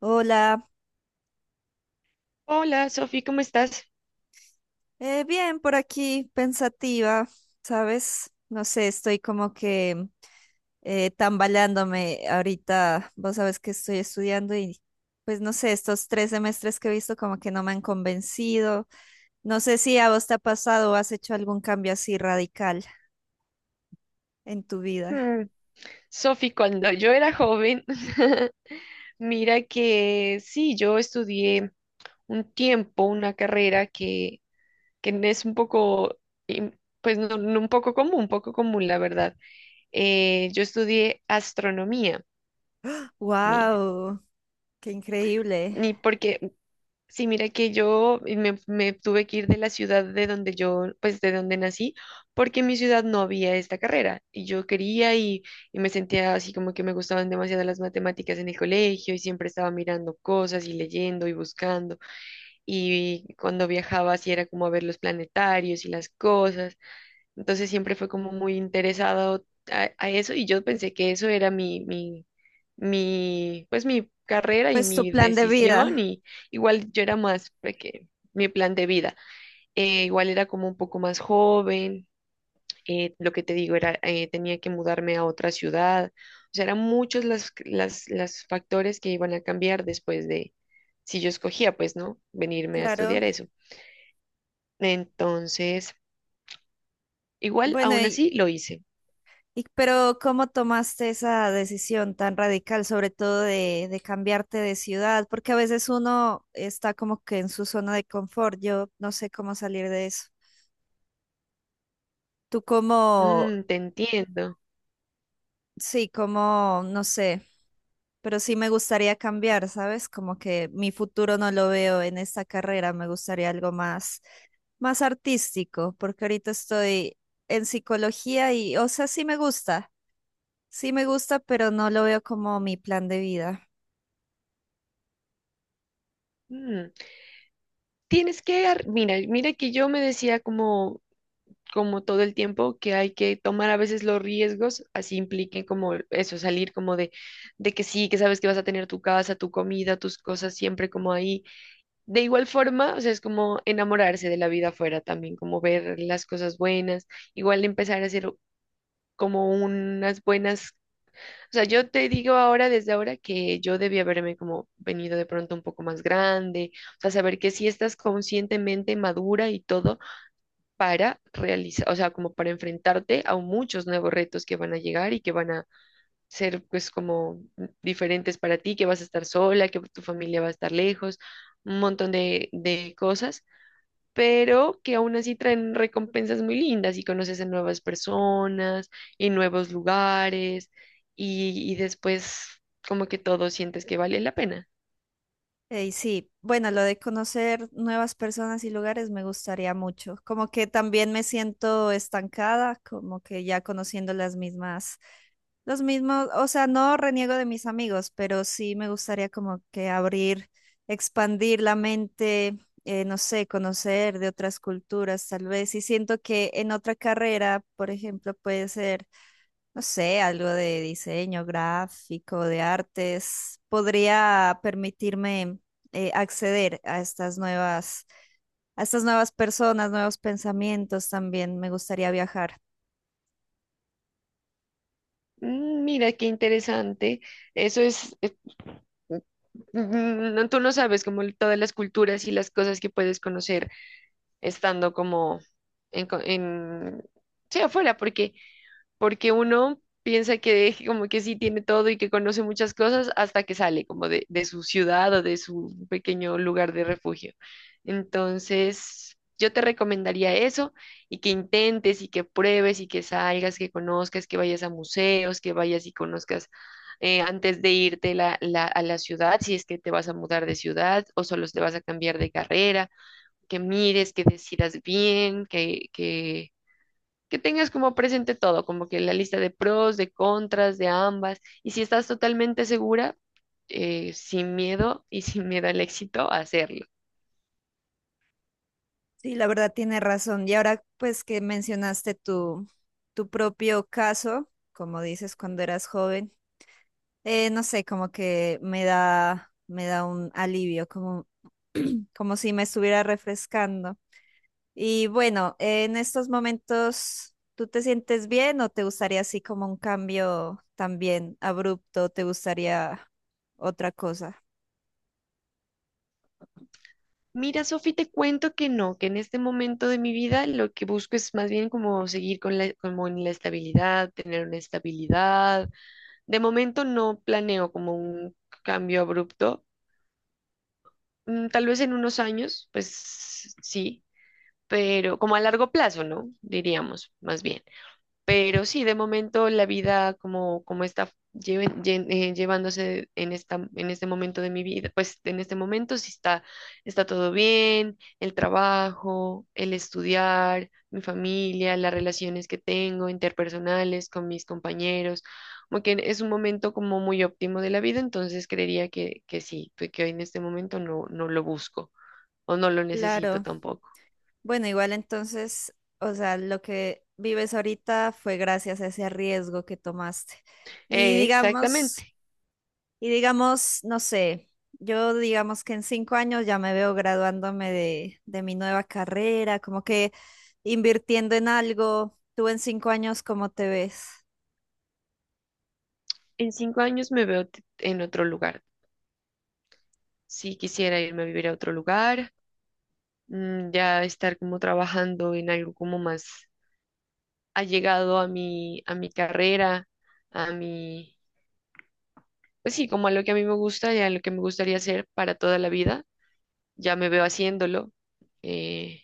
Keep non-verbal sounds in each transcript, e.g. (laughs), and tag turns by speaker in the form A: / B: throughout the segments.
A: Hola,
B: Hola, Sofi, ¿cómo estás?
A: bien por aquí, pensativa, ¿sabes? No sé, estoy como que tambaleándome ahorita, vos sabes que estoy estudiando y pues no sé, estos tres semestres que he visto como que no me han convencido. No sé si a vos te ha pasado o has hecho algún cambio así radical en tu vida.
B: Hmm. Sofi, cuando yo era joven, (laughs) mira que sí, yo estudié un tiempo, una carrera que es un poco, im- pues no, no un poco común, un poco común, la verdad. Yo estudié astronomía, mira,
A: ¡Wow! ¡Qué increíble!
B: ni porque. Sí, mira que yo me tuve que ir de la ciudad de donde yo, pues de donde nací, porque en mi ciudad no había esta carrera y yo quería y me sentía así como que me gustaban demasiado las matemáticas en el colegio y siempre estaba mirando cosas y leyendo y buscando, y cuando viajaba así era como a ver los planetarios y las cosas. Entonces siempre fue como muy interesado a eso y yo pensé que eso era pues mi carrera y
A: Pues tu
B: mi
A: plan de vida,
B: decisión, y igual yo era más pequeña, mi plan de vida. Igual era como un poco más joven. Lo que te digo era, tenía que mudarme a otra ciudad. O sea, eran muchos los las factores que iban a cambiar después de, si yo escogía, pues, ¿no? Venirme a
A: claro.
B: estudiar eso. Entonces, igual
A: Bueno,
B: aún así lo hice.
A: Pero ¿cómo tomaste esa decisión tan radical, sobre todo de cambiarte de ciudad? Porque a veces uno está como que en su zona de confort. Yo no sé cómo salir de eso. Tú como,
B: Mm, te entiendo.
A: sí, como, no sé, pero sí me gustaría cambiar, ¿sabes? Como que mi futuro no lo veo en esta carrera. Me gustaría algo más, más artístico, porque ahorita estoy en psicología y, o sea, sí me gusta, pero no lo veo como mi plan de vida.
B: Mm. Tienes que, mira que yo me decía como todo el tiempo que hay que tomar a veces los riesgos, así impliquen como eso, salir como de que sí, que sabes que vas a tener tu casa, tu comida, tus cosas siempre como ahí. De igual forma, o sea, es como enamorarse de la vida afuera también, como ver las cosas buenas, igual empezar a hacer como unas buenas. O sea, yo te digo ahora, desde ahora, que yo debía haberme como venido de pronto un poco más grande, o sea, saber que sí estás conscientemente madura y todo para realizar, o sea, como para enfrentarte a muchos nuevos retos que van a llegar y que van a ser pues como diferentes para ti, que vas a estar sola, que tu familia va a estar lejos, un montón de cosas, pero que aún así traen recompensas muy lindas y conoces a nuevas personas y nuevos lugares y después como que todo sientes que vale la pena.
A: Ey, sí, bueno, lo de conocer nuevas personas y lugares me gustaría mucho. Como que también me siento estancada, como que ya conociendo las mismas, los mismos, o sea, no reniego de mis amigos, pero sí me gustaría como que abrir, expandir la mente, no sé, conocer de otras culturas tal vez. Y siento que en otra carrera, por ejemplo, puede ser no sé, algo de diseño gráfico, de artes, podría permitirme acceder a estas nuevas personas, nuevos pensamientos también. Me gustaría viajar.
B: Mm. Mira qué interesante. Eso es, no, tú no sabes como todas las culturas y las cosas que puedes conocer estando como en, en sí, afuera, porque porque uno piensa que (laughs) como que sí tiene todo y que conoce muchas cosas hasta que sale como de su ciudad o de su pequeño lugar de refugio. Entonces, yo te recomendaría eso y que intentes y que pruebes y que salgas, que conozcas, que vayas a museos, que vayas y conozcas, antes de irte a la ciudad, si es que te vas a mudar de ciudad o solo te vas a cambiar de carrera, que mires, que decidas bien, que tengas como presente todo, como que la lista de pros, de contras, de ambas, y si estás totalmente segura, sin miedo y (laughs) sin miedo al éxito, hacerlo.
A: Sí, la verdad tiene razón. Y ahora pues que mencionaste tu, tu propio caso, como dices, cuando eras joven, no sé, como que me da un alivio, como, como si me estuviera refrescando. Y bueno, en estos momentos, ¿tú te sientes bien o te gustaría así como un cambio también abrupto? ¿Te gustaría otra cosa?
B: Mira, Sofi, te cuento que no, que en este momento de mi vida lo que busco es más bien como seguir con la, como en la estabilidad, tener una estabilidad. De momento no planeo como un cambio abrupto. Mm. Tal vez en unos años, pues sí, pero como a largo plazo, ¿no? Diríamos, más bien. Pero sí, de momento la vida como está llevándose en esta, en este momento de mi vida, pues en este momento sí está todo bien, el trabajo, el estudiar, mi familia, las relaciones que tengo interpersonales con mis compañeros, como que es un momento como muy óptimo de la vida, entonces creería que sí, que hoy en este momento no, no lo busco o no lo necesito
A: Claro.
B: tampoco.
A: Bueno, igual entonces, o sea, lo que vives ahorita fue gracias a ese riesgo que tomaste. Y digamos,
B: Exactamente.
A: y digamos, no sé, yo digamos que en 5 años ya me veo graduándome de mi nueva carrera, como que invirtiendo en algo. ¿Tú en 5 años cómo te ves?
B: En 5 años me veo en otro lugar. Si quisiera irme a vivir a otro lugar, mm, ya estar como trabajando en algo como más allegado a mi carrera, a mi, pues sí, como a lo que a mí me gusta y a lo que me gustaría hacer para toda la vida. Ya me veo haciéndolo. eh,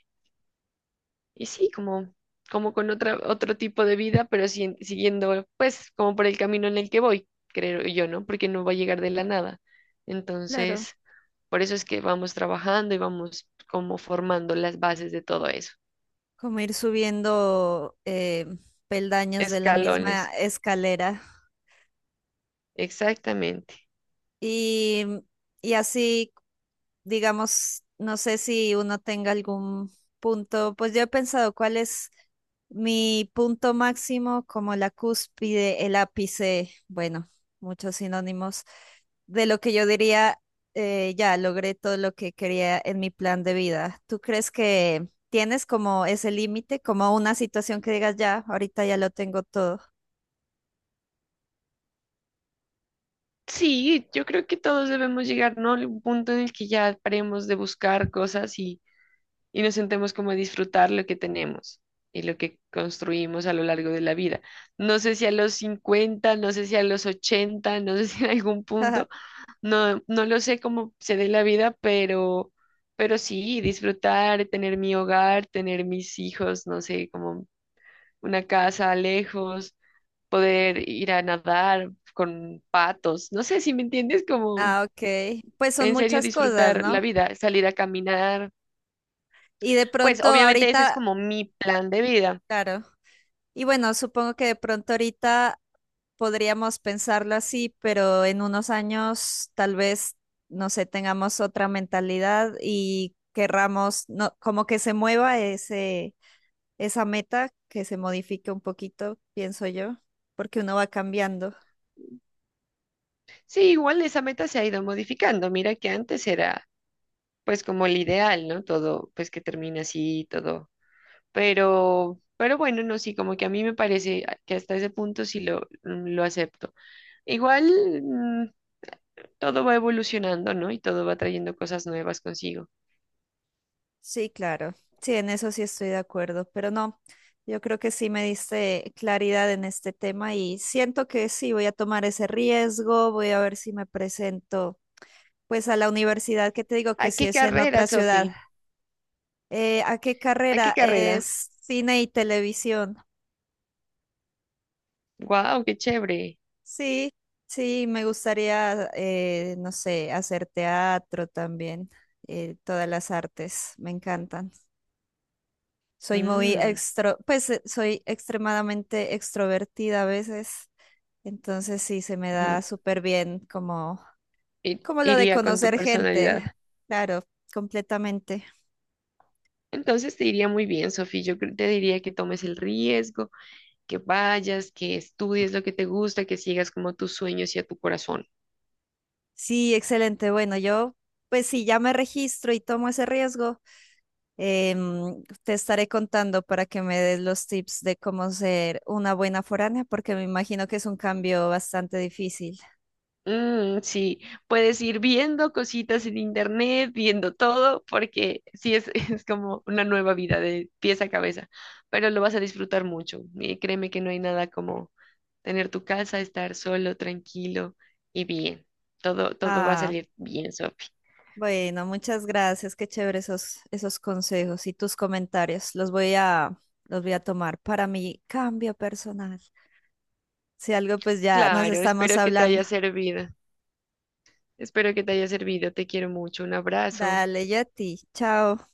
B: y sí, como con otro tipo de vida, pero siguiendo, pues, como por el camino en el que voy, creo yo, ¿no? Porque no va a llegar de la nada.
A: Claro,
B: Entonces, por eso es que vamos trabajando y vamos como formando las bases de todo eso.
A: como ir subiendo peldaños de la misma
B: Escalones,
A: escalera
B: exactamente.
A: y, y así digamos, no sé si uno tenga algún punto, pues yo he pensado cuál es mi punto máximo, como la cúspide, el ápice, bueno, muchos sinónimos, de lo que yo diría, ya logré todo lo que quería en mi plan de vida. ¿Tú crees que tienes como ese límite, como una situación que digas, ya, ahorita ya lo tengo todo?
B: Sí, yo creo que todos debemos llegar, ¿no? A un punto en el que ya paremos de buscar cosas y nos sentemos como a disfrutar lo que tenemos y lo que construimos a lo largo de la vida. No sé si a los 50, no sé si a los 80, no sé (laughs) si en algún punto,
A: (laughs)
B: no, no lo sé cómo se dé la vida, pero sí, disfrutar, tener mi hogar, tener mis hijos, no sé, como una casa lejos, poder ir a nadar con patos, no sé si me entiendes, como
A: Ah, ok. Pues son
B: en serio
A: muchas cosas,
B: disfrutar la
A: ¿no?
B: vida, salir a caminar.
A: Y de
B: Pues
A: pronto
B: obviamente ese es
A: ahorita,
B: como mi plan de vida.
A: claro. Y bueno, supongo que de pronto ahorita podríamos pensarlo así, pero en unos años tal vez, no sé, tengamos otra mentalidad y querramos, no, como que se mueva ese, esa meta, que se modifique un poquito, pienso yo, porque uno va cambiando.
B: Sí, igual esa meta se ha ido modificando. Mira que antes era pues como el ideal, ¿no? Todo pues que termina así, todo. Pero bueno, no, sí, como que a mí me parece que hasta ese punto sí lo acepto. Igual mm, todo va evolucionando, ¿no? Y todo va trayendo cosas nuevas consigo.
A: Sí, claro. Sí, en eso sí estoy de acuerdo, pero no, yo creo que sí me diste claridad en este tema y siento que sí, voy a tomar ese riesgo, voy a ver si me presento pues a la universidad que te digo que
B: ¡Ay,
A: si
B: qué
A: es en
B: carrera,
A: otra ciudad.
B: Sofi!
A: ¿A qué
B: ¡Ay,
A: carrera?
B: qué carrera!
A: Es cine y televisión.
B: ¡Guau, qué chévere!
A: Sí, sí, me gustaría, no sé, hacer teatro también. Todas las artes me encantan. Soy muy
B: Mm,
A: extro, pues soy extremadamente extrovertida a veces. Entonces sí, se me
B: ujú.
A: da súper bien como,
B: I-
A: como lo de
B: Iría con tu
A: conocer
B: personalidad.
A: gente. Claro, completamente.
B: Entonces te iría muy bien, Sofi. Yo te diría que tomes el riesgo, que vayas, que estudies lo que te gusta, que sigas como tus sueños y a tu corazón.
A: Sí, excelente. Bueno, yo, pues si ya me registro y tomo ese riesgo, te estaré contando para que me des los tips de cómo ser una buena foránea, porque me imagino que es un cambio bastante difícil.
B: Mm, sí, puedes ir viendo cositas en internet, viendo todo, porque sí es, (laughs) es como una nueva vida de pies a cabeza, pero lo vas a disfrutar mucho. Y créeme que no hay nada como tener tu casa, estar solo, tranquilo y bien. Todo, todo va a
A: Ah,
B: salir bien, Sofi.
A: bueno, muchas gracias. Qué chévere esos, esos consejos y tus comentarios. Los voy a tomar para mi cambio personal. Si algo, pues ya nos
B: Claro,
A: estamos
B: espero que te
A: hablando.
B: haya servido. Espero que te haya servido. Te quiero mucho. Un abrazo.
A: Dale, Yeti. Chao.